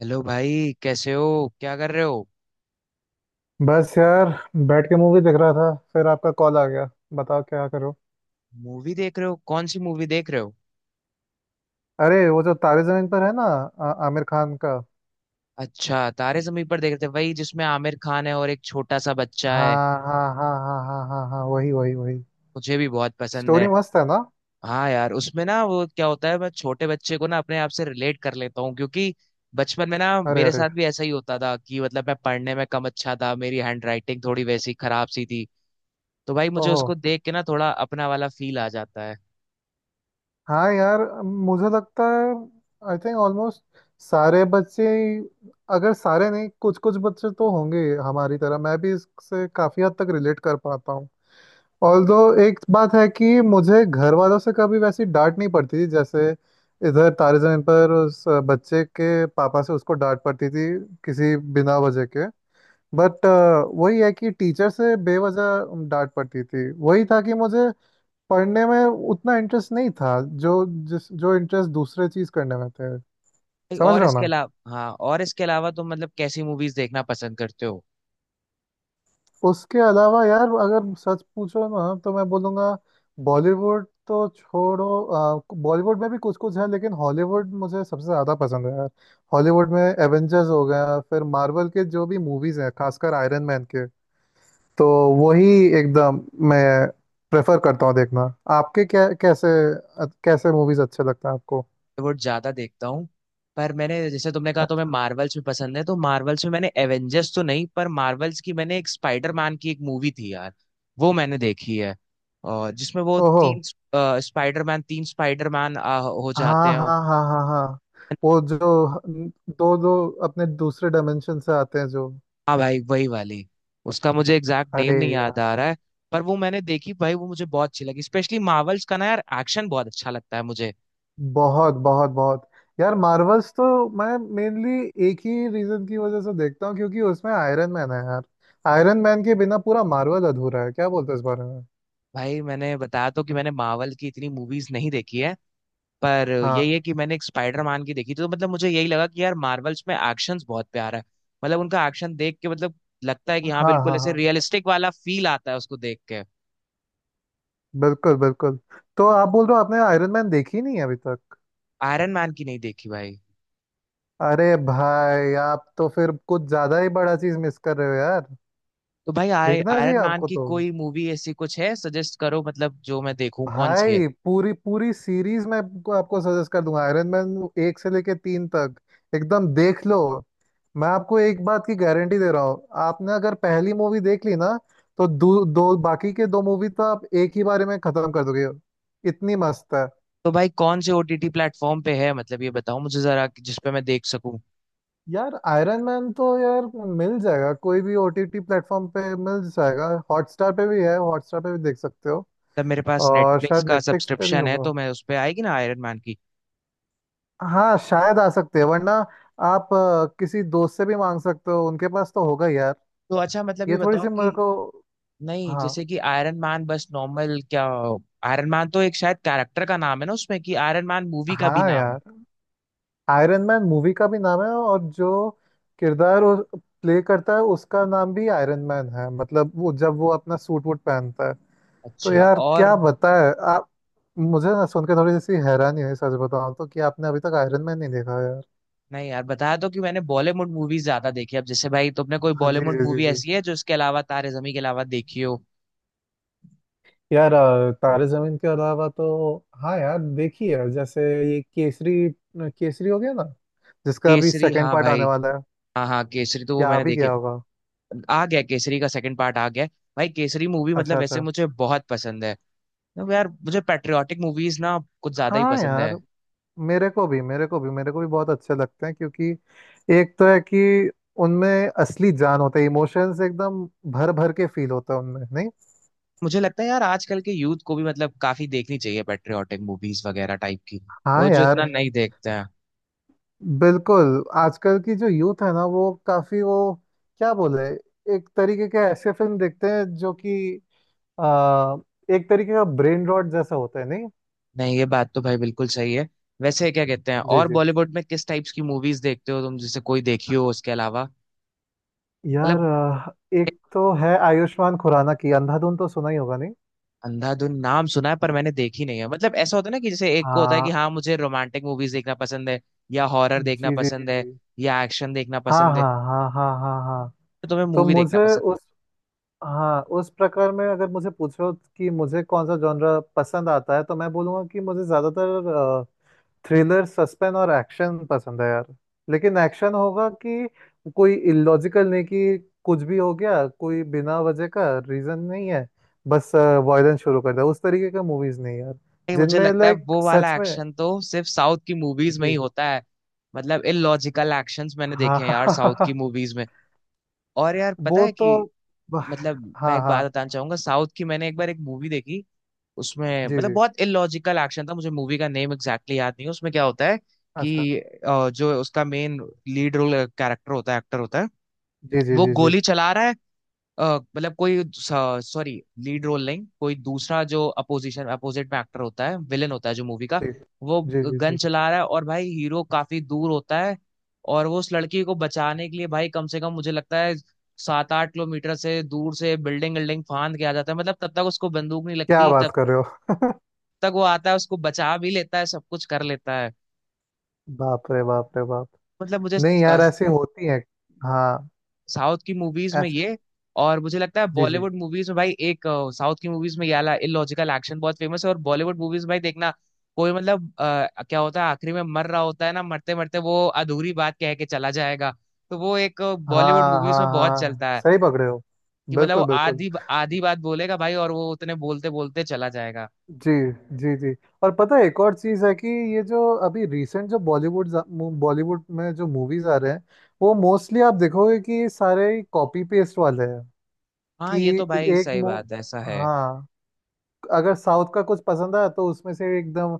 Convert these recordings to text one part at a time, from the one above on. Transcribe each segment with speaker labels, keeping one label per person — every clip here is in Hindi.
Speaker 1: हेलो भाई, कैसे हो? क्या कर रहे हो?
Speaker 2: बस यार बैठ के मूवी देख रहा था फिर आपका कॉल आ गया। बताओ क्या करो।
Speaker 1: मूवी देख रहे हो? कौन सी मूवी देख रहे हो?
Speaker 2: अरे वो जो तारे जमीन पर है ना आमिर खान का।
Speaker 1: अच्छा, तारे जमीन पर देख रहे थे, वही जिसमें आमिर खान है और एक छोटा सा बच्चा है।
Speaker 2: हाँ हाँ हाँ हाँ हाँ हाँ हाँ, वही वही वही।
Speaker 1: मुझे भी बहुत पसंद
Speaker 2: स्टोरी
Speaker 1: है।
Speaker 2: मस्त है ना।
Speaker 1: हाँ यार, उसमें ना वो क्या होता है, मैं छोटे बच्चे को ना अपने आप से रिलेट कर लेता हूँ, क्योंकि बचपन में ना
Speaker 2: अरे
Speaker 1: मेरे
Speaker 2: अरे।
Speaker 1: साथ भी ऐसा ही होता था कि मतलब मैं पढ़ने में कम अच्छा था, मेरी हैंड राइटिंग थोड़ी वैसी खराब सी थी। तो भाई, मुझे
Speaker 2: ओहो।
Speaker 1: उसको देख के ना थोड़ा अपना वाला फील आ जाता है।
Speaker 2: हाँ यार, मुझे लगता है आई थिंक ऑलमोस्ट सारे बच्चे, अगर सारे नहीं कुछ कुछ बच्चे तो होंगे हमारी तरह। मैं भी इससे काफी हद तक रिलेट कर पाता हूँ। ऑल्दो एक बात है कि मुझे घर वालों से कभी वैसी डांट नहीं पड़ती थी जैसे इधर तारे जमीन पर उस बच्चे के पापा से उसको डांट पड़ती थी किसी बिना वजह के। बट वही है कि टीचर से बेवजह डांट पड़ती थी, वही था कि मुझे पढ़ने में उतना इंटरेस्ट नहीं था। जो इंटरेस्ट दूसरे चीज करने में थे, समझ
Speaker 1: और
Speaker 2: रहे हो।
Speaker 1: इसके अलावा हाँ और इसके अलावा तुम मतलब कैसी मूवीज देखना पसंद करते हो?
Speaker 2: उसके अलावा यार, अगर सच पूछो ना तो मैं बोलूँगा बॉलीवुड तो छोड़ो, बॉलीवुड में भी कुछ कुछ है, लेकिन हॉलीवुड मुझे सबसे ज़्यादा पसंद है यार। हॉलीवुड में एवेंजर्स हो गया, फिर मार्वल के जो भी मूवीज़ हैं, खासकर आयरन मैन के। तो वही एकदम मैं प्रेफर करता हूँ देखना। आपके क्या, कैसे कैसे मूवीज़ अच्छे लगते हैं आपको।
Speaker 1: बॉलीवुड ज्यादा देखता हूँ। पर मैंने, जैसे तुमने कहा तुम्हें
Speaker 2: अच्छा।
Speaker 1: मार्वल्स भी पसंद है, तो मार्वल्स में मैंने एवेंजर्स तो नहीं, पर मार्वल्स की मैंने एक स्पाइडरमैन की एक मूवी थी यार, वो मैंने देखी है। और जिसमें वो
Speaker 2: ओहो।
Speaker 1: तीन स्पाइडरमैन, तीन स्पाइडरमैन हो जाते
Speaker 2: हाँ हाँ
Speaker 1: हैं।
Speaker 2: हाँ हाँ हाँ। वो जो दो दो अपने दूसरे डायमेंशन से आते हैं जो।
Speaker 1: हाँ भाई, वही वाली। उसका मुझे एग्जैक्ट नेम
Speaker 2: अरे,
Speaker 1: नहीं याद आ रहा है, पर वो मैंने देखी भाई, वो मुझे बहुत अच्छी लगी। स्पेशली मार्वल्स का ना यार, एक्शन बहुत अच्छा लगता है मुझे।
Speaker 2: बहुत बहुत बहुत। यार मार्वल्स तो मैं मेनली एक ही रीजन की वजह से देखता हूँ, क्योंकि उसमें आयरन मैन है यार। आयरन मैन के बिना पूरा मार्वल अधूरा है। क्या बोलते हो इस बारे में।
Speaker 1: भाई मैंने बताया तो कि मैंने मार्वल की इतनी मूवीज नहीं देखी है, पर
Speaker 2: हाँ
Speaker 1: यही है कि मैंने एक स्पाइडर मैन की देखी थी, तो मतलब मुझे यही लगा कि यार मार्वल्स में एक्शंस बहुत प्यारा है। मतलब उनका एक्शन देख के मतलब लगता है कि हाँ,
Speaker 2: हाँ
Speaker 1: बिल्कुल
Speaker 2: हाँ
Speaker 1: ऐसे
Speaker 2: हाँ,
Speaker 1: रियलिस्टिक वाला फील आता है उसको देख के।
Speaker 2: बिल्कुल बिल्कुल। तो आप बोल रहे हो आपने आयरन मैन देखी नहीं है अभी तक।
Speaker 1: आयरन मैन की नहीं देखी भाई।
Speaker 2: अरे भाई, आप तो फिर कुछ ज्यादा ही बड़ा चीज मिस कर रहे हो यार।
Speaker 1: तो भाई,
Speaker 2: देखना
Speaker 1: आयरन
Speaker 2: चाहिए
Speaker 1: मैन
Speaker 2: आपको
Speaker 1: की
Speaker 2: तो
Speaker 1: कोई मूवी ऐसी कुछ है सजेस्ट करो, मतलब जो मैं देखूं कौन सी है।
Speaker 2: भाई। पूरी पूरी सीरीज मैं आपको सजेस्ट कर दूंगा, आयरन मैन एक से लेके तीन तक एकदम देख लो। मैं आपको एक बात की गारंटी दे रहा हूँ, आपने अगर पहली मूवी देख ली ना तो दो बाकी के दो मूवी तो आप एक ही बारे में खत्म कर दोगे, इतनी मस्त है।
Speaker 1: तो भाई, कौन से ओटीटी प्लेटफॉर्म पे है, मतलब ये बताओ मुझे जरा, कि जिस पे मैं देख सकूं।
Speaker 2: यार आयरन मैन तो यार मिल जाएगा, कोई भी ओटीटी प्लेटफॉर्म पे मिल जाएगा, हॉटस्टार पे भी है, हॉटस्टार पे भी देख सकते हो।
Speaker 1: तब मेरे पास
Speaker 2: और
Speaker 1: नेटफ्लिक्स
Speaker 2: शायद
Speaker 1: का
Speaker 2: नेटफ्लिक्स पे भी
Speaker 1: सब्सक्रिप्शन है, तो
Speaker 2: होगा।
Speaker 1: मैं, उस पे आएगी ना आयरन मैन की?
Speaker 2: हाँ शायद आ सकते हैं, वरना आप किसी दोस्त से भी मांग सकते हो, उनके पास तो होगा यार।
Speaker 1: तो अच्छा, मतलब ये
Speaker 2: ये थोड़ी
Speaker 1: बताओ
Speaker 2: सी मेरे
Speaker 1: कि
Speaker 2: को।
Speaker 1: नहीं,
Speaker 2: हाँ
Speaker 1: जैसे कि आयरन मैन बस नॉर्मल क्या, आयरन मैन तो एक शायद कैरेक्टर का नाम है ना उसमें, कि आयरन मैन मूवी का भी
Speaker 2: हाँ।
Speaker 1: नाम है?
Speaker 2: यार आयरन मैन मूवी का भी नाम है, और जो किरदार वो प्ले करता है उसका नाम भी आयरन मैन है, मतलब वो जब वो अपना सूट वूट पहनता है। तो
Speaker 1: अच्छा,
Speaker 2: यार
Speaker 1: और
Speaker 2: क्या बताए आप, मुझे ना सुनकर थोड़ी सी हैरानी हुई सच बताऊं तो, कि आपने अभी तक आयरन मैन नहीं देखा यार।
Speaker 1: नहीं यार, बताया तो कि मैंने बॉलीवुड मूवीज ज्यादा देखी है। अब जैसे भाई, तुमने कोई
Speaker 2: हाँ जी
Speaker 1: बॉलीवुड
Speaker 2: जी जी
Speaker 1: मूवी
Speaker 2: जी।
Speaker 1: ऐसी है जो इसके अलावा, तारे जमी के अलावा देखी हो?
Speaker 2: यार, तारे जमीन के अलावा तो हाँ यार देखी है, जैसे ये केसरी। केसरी हो गया ना, जिसका अभी
Speaker 1: केसरी
Speaker 2: सेकंड
Speaker 1: हाँ
Speaker 2: पार्ट आने
Speaker 1: भाई,
Speaker 2: वाला है,
Speaker 1: हाँ हाँ, केसरी तो वो
Speaker 2: या आ
Speaker 1: मैंने
Speaker 2: भी
Speaker 1: देखी।
Speaker 2: गया होगा।
Speaker 1: आ गया, केसरी का सेकंड पार्ट आ गया है। भाई, केसरी मूवी
Speaker 2: अच्छा
Speaker 1: मतलब वैसे
Speaker 2: अच्छा।
Speaker 1: मुझे बहुत पसंद है। तो यार, मुझे पेट्रियाटिक मूवीज ना कुछ ज्यादा ही
Speaker 2: हाँ
Speaker 1: पसंद है।
Speaker 2: यार, मेरे को भी मेरे को भी मेरे को भी बहुत अच्छे लगते हैं, क्योंकि एक तो है कि उनमें असली जान होता है, इमोशंस एकदम भर भर के फील होता है उनमें, नहीं।
Speaker 1: मुझे लगता है यार, आजकल के यूथ को भी मतलब काफी देखनी चाहिए पेट्रियोटिक मूवीज वगैरह टाइप की, वो
Speaker 2: हाँ
Speaker 1: जो इतना
Speaker 2: यार।
Speaker 1: नहीं देखते हैं।
Speaker 2: बिल्कुल, आजकल की जो यूथ है ना, वो काफी वो क्या बोले, एक तरीके के ऐसे फिल्म देखते हैं जो कि आ, एक तरीके का ब्रेन रॉट जैसा होता है, नहीं।
Speaker 1: नहीं, ये बात तो भाई बिल्कुल सही है। वैसे क्या कहते हैं,
Speaker 2: जी
Speaker 1: और
Speaker 2: जी।
Speaker 1: बॉलीवुड में किस टाइप्स की मूवीज देखते हो तुम, जैसे कोई देखी हो उसके अलावा,
Speaker 2: यार,
Speaker 1: मतलब?
Speaker 2: एक तो है आयुष्मान खुराना की अंधाधुन, तो सुना ही होगा नहीं।
Speaker 1: अंधाधुन नाम सुना है पर मैंने देखी नहीं है। मतलब ऐसा होता है ना कि जैसे एक को होता है कि
Speaker 2: हाँ
Speaker 1: हाँ, मुझे रोमांटिक मूवीज देखना पसंद है, या हॉरर देखना
Speaker 2: जी जी जी
Speaker 1: पसंद है,
Speaker 2: जी।
Speaker 1: या एक्शन देखना
Speaker 2: हाँ
Speaker 1: पसंद है,
Speaker 2: हाँ हाँ हाँ हाँ हाँ।
Speaker 1: तो तुम्हें
Speaker 2: तो
Speaker 1: मूवी देखना
Speaker 2: मुझे
Speaker 1: पसंद
Speaker 2: उस,
Speaker 1: है?
Speaker 2: हाँ उस प्रकार में अगर मुझे पूछो कि मुझे कौन सा जॉनरा पसंद आता है, तो मैं बोलूँगा कि मुझे ज़्यादातर थ्रिलर सस्पेंस और एक्शन पसंद है यार। लेकिन एक्शन होगा कि कोई इलॉजिकल नहीं, कि कुछ भी हो गया, कोई बिना वजह का रीज़न नहीं है, बस वायलेंस शुरू कर दिया, उस तरीके का मूवीज़ नहीं यार।
Speaker 1: भाई, मुझे
Speaker 2: जिनमें
Speaker 1: लगता है
Speaker 2: लाइक
Speaker 1: वो
Speaker 2: सच
Speaker 1: वाला
Speaker 2: में।
Speaker 1: एक्शन तो सिर्फ साउथ की मूवीज में ही
Speaker 2: जी।
Speaker 1: होता है। मतलब इलॉजिकल एक्शंस मैंने
Speaker 2: हाँ
Speaker 1: देखे हैं
Speaker 2: हाँ
Speaker 1: यार,
Speaker 2: हाँ हाँ
Speaker 1: साउथ की
Speaker 2: हाँ।
Speaker 1: मूवीज में। और यार, पता
Speaker 2: वो
Speaker 1: है
Speaker 2: तो
Speaker 1: कि मतलब मैं
Speaker 2: हाँ
Speaker 1: एक बात
Speaker 2: हाँ।
Speaker 1: बताना चाहूंगा। साउथ की मैंने एक बार एक मूवी देखी, उसमें
Speaker 2: जी
Speaker 1: मतलब
Speaker 2: जी।
Speaker 1: बहुत इलॉजिकल एक्शन था। मुझे मूवी का नेम एग्जैक्टली याद नहीं है। उसमें क्या होता है
Speaker 2: अच्छा।
Speaker 1: कि जो उसका मेन लीड रोल कैरेक्टर होता है, एक्टर होता है,
Speaker 2: जी जी
Speaker 1: वो
Speaker 2: जी जी
Speaker 1: गोली चला रहा है। अ, मतलब कोई, सॉरी, लीड रोल नहीं, कोई दूसरा जो अपोजिशन, अपोजिट में एक्टर होता है, विलेन होता है जो मूवी का,
Speaker 2: जी
Speaker 1: वो
Speaker 2: जी जी
Speaker 1: गन
Speaker 2: जी।
Speaker 1: चला रहा है। और भाई, हीरो काफी दूर होता है, और वो उस लड़की को बचाने के लिए भाई, कम से कम मुझे लगता है 7-8 किलोमीटर से दूर से बिल्डिंग बिल्डिंग फांद के आ जाता है। मतलब तब तक उसको बंदूक नहीं
Speaker 2: क्या
Speaker 1: लगती, तब
Speaker 2: बात कर रहे हो।
Speaker 1: तक वो आता है, उसको बचा भी लेता है, सब कुछ कर लेता है।
Speaker 2: बाप रे बाप रे बाप।
Speaker 1: मतलब मुझे,
Speaker 2: नहीं यार ऐसी होती है। हाँ
Speaker 1: साउथ की मूवीज में
Speaker 2: ऐसे।
Speaker 1: ये, और मुझे लगता है
Speaker 2: जी जी।
Speaker 1: बॉलीवुड मूवीज में भाई साउथ की मूवीज में ये वाला इलॉजिकल एक्शन बहुत फेमस है। और बॉलीवुड मूवीज में भाई देखना, कोई मतलब क्या होता है, आखिरी में मर रहा होता है ना, मरते मरते वो अधूरी बात कह के चला जाएगा। तो वो एक बॉलीवुड
Speaker 2: हाँ
Speaker 1: मूवीज
Speaker 2: हाँ
Speaker 1: में बहुत
Speaker 2: हाँ,
Speaker 1: चलता है,
Speaker 2: सही पकड़े हो।
Speaker 1: कि मतलब वो
Speaker 2: बिल्कुल बिल्कुल।
Speaker 1: आधी आधी बात बोलेगा भाई, और वो उतने बोलते बोलते चला जाएगा।
Speaker 2: जी जी जी। और पता है एक और चीज़ है कि ये जो अभी रिसेंट जो बॉलीवुड बॉलीवुड में जो मूवीज आ रहे हैं, वो मोस्टली आप देखोगे कि सारे कॉपी पेस्ट वाले हैं।
Speaker 1: हाँ,
Speaker 2: कि
Speaker 1: ये तो भाई
Speaker 2: एक
Speaker 1: सही
Speaker 2: मो
Speaker 1: बात है, ऐसा है।
Speaker 2: हाँ, अगर साउथ का कुछ पसंद आया तो उसमें से एकदम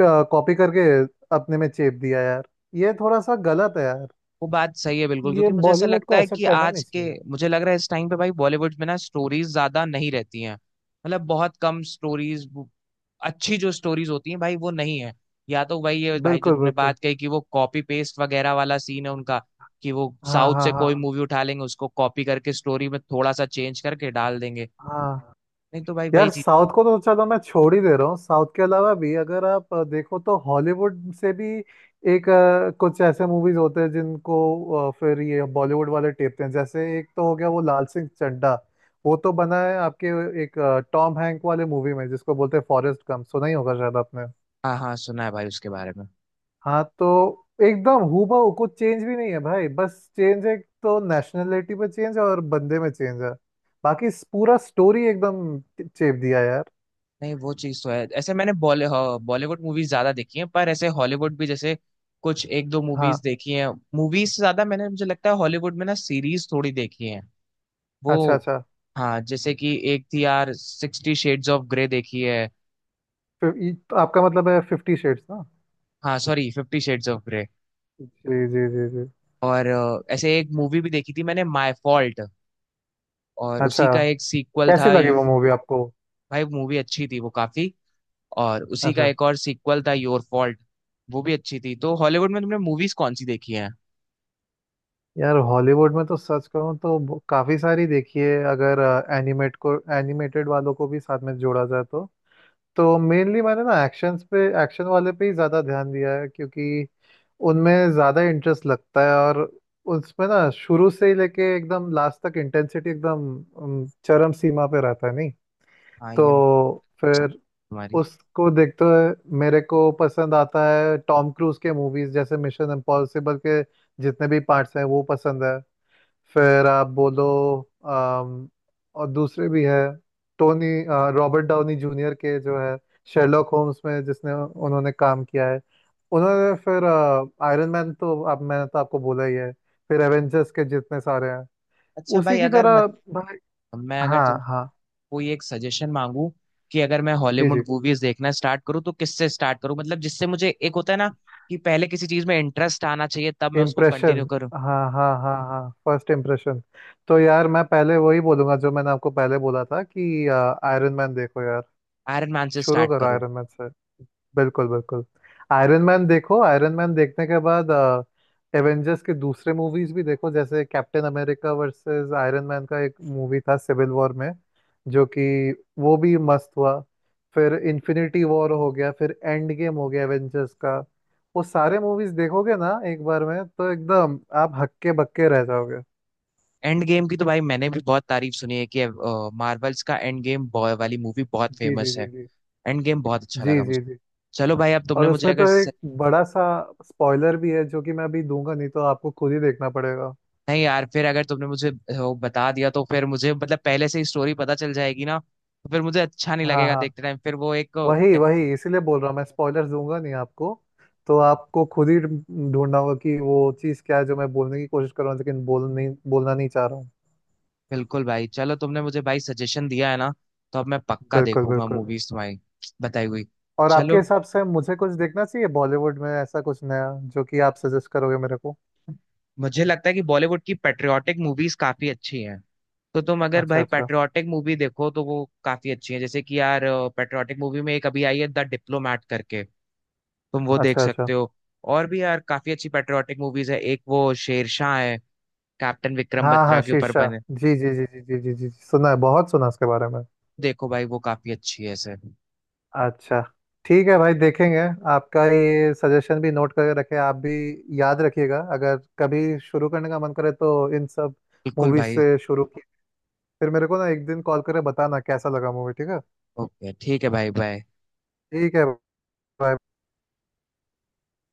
Speaker 2: कॉपी करके अपने में चेप दिया यार। ये थोड़ा सा गलत है यार,
Speaker 1: वो बात सही है बिल्कुल,
Speaker 2: ये
Speaker 1: क्योंकि मुझे ऐसा
Speaker 2: बॉलीवुड
Speaker 1: लगता
Speaker 2: को
Speaker 1: है
Speaker 2: ऐसा
Speaker 1: कि
Speaker 2: करना
Speaker 1: आज
Speaker 2: नहीं
Speaker 1: के,
Speaker 2: चाहिए।
Speaker 1: मुझे लग रहा है इस टाइम पे भाई, बॉलीवुड में ना स्टोरीज ज्यादा नहीं रहती हैं, मतलब बहुत कम स्टोरीज, अच्छी जो स्टोरीज होती हैं भाई वो नहीं है। या तो वही है भाई जो
Speaker 2: बिल्कुल
Speaker 1: तुमने
Speaker 2: बिल्कुल।
Speaker 1: बात कही, कि वो कॉपी पेस्ट वगैरह वाला सीन है उनका, कि वो
Speaker 2: हाँ
Speaker 1: साउथ
Speaker 2: हाँ
Speaker 1: से
Speaker 2: हाँ
Speaker 1: कोई मूवी उठा लेंगे, उसको कॉपी करके स्टोरी में थोड़ा सा चेंज करके डाल देंगे।
Speaker 2: हाँ।
Speaker 1: नहीं तो भाई,
Speaker 2: यार
Speaker 1: वही चीज।
Speaker 2: साउथ को तो चलो मैं छोड़ ही दे रहा हूँ, साउथ के अलावा भी अगर आप देखो तो हॉलीवुड से भी एक कुछ ऐसे मूवीज होते हैं जिनको फिर ये बॉलीवुड वाले टेपते हैं, जैसे एक तो हो गया वो लाल सिंह चड्ढा। वो तो बना है आपके एक टॉम हैंक वाले मूवी में, जिसको बोलते हैं फॉरेस्ट गम, सुना ही होगा शायद आपने।
Speaker 1: हाँ हाँ, सुना है भाई उसके बारे में।
Speaker 2: हाँ तो एकदम हूबहू, कुछ चेंज भी नहीं है भाई, बस चेंज है तो नेशनलिटी पे चेंज है और बंदे में चेंज है, बाकी पूरा स्टोरी एकदम चेप दिया है यार।
Speaker 1: नहीं, वो चीज तो है। ऐसे मैंने बॉलीवुड मूवीज ज्यादा देखी हैं, पर ऐसे हॉलीवुड भी जैसे कुछ एक दो
Speaker 2: हाँ।
Speaker 1: मूवीज देखी हैं। मूवीज से ज्यादा मैंने, मुझे लगता है हॉलीवुड में ना सीरीज थोड़ी देखी हैं
Speaker 2: अच्छा
Speaker 1: वो।
Speaker 2: अच्छा।
Speaker 1: हाँ, जैसे कि एक थी यार, 60 शेड्स ऑफ ग्रे देखी है।
Speaker 2: फिर आपका मतलब है फिफ्टी शेड्स ना।
Speaker 1: हाँ सॉरी, 50 शेड्स ऑफ ग्रे।
Speaker 2: जी जी जी जी।
Speaker 1: और ऐसे एक मूवी भी देखी थी मैंने, माय फॉल्ट, और
Speaker 2: अच्छा,
Speaker 1: उसी का एक सीक्वल
Speaker 2: कैसी
Speaker 1: था
Speaker 2: लगी वो मूवी आपको।
Speaker 1: भाई मूवी अच्छी थी वो, काफी। और उसी का
Speaker 2: अच्छा।
Speaker 1: एक और सीक्वल था योर फॉल्ट, वो भी अच्छी थी। तो हॉलीवुड में तुमने मूवीज कौन सी देखी हैं?
Speaker 2: यार हॉलीवुड में तो सच कहूँ तो काफी सारी देखी है। अगर एनिमेटेड वालों को भी साथ में जोड़ा जाए तो मेनली मैंने ना एक्शन वाले पे ही ज्यादा ध्यान दिया है, क्योंकि उनमें ज्यादा इंटरेस्ट लगता है। और उसमें ना शुरू से ही लेके एकदम लास्ट तक इंटेंसिटी एकदम चरम सीमा पे रहता है, नहीं।
Speaker 1: हाँ, ये
Speaker 2: तो फिर
Speaker 1: तुम्हारी,
Speaker 2: उसको देखते हुए मेरे को पसंद आता है टॉम क्रूज के मूवीज, जैसे मिशन इम्पॉसिबल के जितने भी पार्ट्स हैं वो पसंद है। फिर आप बोलो अम, और दूसरे भी है, रॉबर्ट डाउनी जूनियर के जो है शेरलॉक होम्स में जिसने उन्होंने काम किया है। उन्होंने फिर आयरन मैन तो आप मैंने तो आपको बोला ही है, फिर एवेंजर्स के जितने सारे हैं
Speaker 1: अच्छा
Speaker 2: उसी
Speaker 1: भाई,
Speaker 2: की
Speaker 1: अगर मत
Speaker 2: तरह भाई।
Speaker 1: मैं अगर
Speaker 2: हाँ
Speaker 1: तुमसे
Speaker 2: हाँ।
Speaker 1: कोई एक सजेशन मांगू, कि अगर मैं
Speaker 2: जी जी।
Speaker 1: हॉलीवुड मूवीज देखना स्टार्ट करूँ तो किससे स्टार्ट करूँ, मतलब जिससे मुझे, एक होता है ना, कि पहले किसी चीज में इंटरेस्ट आना चाहिए, तब मैं उसको कंटिन्यू
Speaker 2: इम्प्रेशन
Speaker 1: करूँ।
Speaker 2: हाँ हाँ हाँ हाँ, फर्स्ट इम्प्रेशन। तो यार मैं पहले वही बोलूंगा जो मैंने आपको पहले बोला था कि आयरन मैन देखो यार,
Speaker 1: आयरन मैन से
Speaker 2: शुरू
Speaker 1: स्टार्ट
Speaker 2: करो
Speaker 1: करूँ?
Speaker 2: आयरन मैन से। बिल्कुल बिल्कुल। आयरन मैन देखो, आयरन मैन देखने के बाद एवेंजर्स के दूसरे मूवीज भी देखो, जैसे Captain America versus Iron Man का एक मूवी था सिविल वॉर में, जो कि वो भी मस्त हुआ। फिर इन्फिनिटी वॉर हो गया, फिर एंड गेम हो गया एवेंजर्स का। वो सारे मूवीज देखोगे ना एक बार में तो एकदम आप हक्के बक्के रह जाओगे।
Speaker 1: एंड गेम की तो भाई मैंने भी बहुत तारीफ सुनी है, कि मार्वल्स का एंड गेम वाली मूवी बहुत
Speaker 2: जी जी
Speaker 1: फेमस
Speaker 2: जी
Speaker 1: है।
Speaker 2: जी
Speaker 1: एंड गेम बहुत अच्छा
Speaker 2: जी
Speaker 1: लगा मुझे।
Speaker 2: जी जी।
Speaker 1: चलो भाई, अब तुमने
Speaker 2: और
Speaker 1: मुझे
Speaker 2: उसमें
Speaker 1: अगर,
Speaker 2: तो एक बड़ा सा स्पॉइलर भी है, जो कि मैं अभी दूंगा नहीं, तो आपको खुद ही देखना पड़ेगा।
Speaker 1: नहीं यार, फिर अगर तुमने मुझे वो बता दिया तो फिर मुझे मतलब पहले से ही स्टोरी पता चल जाएगी ना, तो फिर मुझे अच्छा नहीं
Speaker 2: हाँ
Speaker 1: लगेगा
Speaker 2: हाँ,
Speaker 1: देखते टाइम, फिर वो एक
Speaker 2: वही वही, इसीलिए बोल रहा हूँ मैं स्पॉइलर्स दूंगा नहीं आपको, तो आपको खुद ही ढूंढना होगा कि वो चीज़ क्या है जो मैं बोलने की कोशिश कर रहा हूँ लेकिन बोलना नहीं चाह रहा हूँ।
Speaker 1: बिल्कुल भाई, चलो तुमने मुझे भाई सजेशन दिया है ना, तो अब मैं पक्का
Speaker 2: बिल्कुल
Speaker 1: देखूंगा
Speaker 2: बिल्कुल।
Speaker 1: मूवीज तुम्हारी बताई हुई।
Speaker 2: और आपके
Speaker 1: चलो,
Speaker 2: हिसाब से मुझे कुछ देखना चाहिए बॉलीवुड में, ऐसा कुछ नया जो कि आप सजेस्ट करोगे मेरे को।
Speaker 1: मुझे लगता है कि बॉलीवुड की पेट्रियाटिक मूवीज काफी अच्छी हैं, तो तुम अगर
Speaker 2: अच्छा
Speaker 1: भाई
Speaker 2: अच्छा।
Speaker 1: पेट्रियाटिक मूवी देखो तो वो काफी अच्छी है। जैसे कि यार, पेट्रियाटिक मूवी में एक अभी आई है, द डिप्लोमैट करके, तुम वो देख
Speaker 2: अच्छा
Speaker 1: सकते
Speaker 2: अच्छा।
Speaker 1: हो। और भी यार काफी अच्छी पेट्रियाटिक मूवीज है, एक वो शेरशाह है, कैप्टन विक्रम
Speaker 2: हाँ
Speaker 1: बत्रा
Speaker 2: हाँ
Speaker 1: के ऊपर
Speaker 2: शीर्षा,
Speaker 1: बने।
Speaker 2: जी जी जी जी जी जी जी, सुना है, बहुत सुना है उसके बारे में।
Speaker 1: देखो भाई, वो काफी अच्छी है सर।
Speaker 2: अच्छा, ठीक है भाई देखेंगे। आपका ये सजेशन भी नोट करके रखे आप भी, याद रखिएगा अगर कभी शुरू करने का मन करे तो इन सब
Speaker 1: बिल्कुल
Speaker 2: मूवीज
Speaker 1: भाई।
Speaker 2: से शुरू की। फिर मेरे को ना एक दिन कॉल करके बताना कैसा लगा मूवी, ठीक है।
Speaker 1: ओके, ठीक है भाई, बाय।
Speaker 2: ठीक है भाई।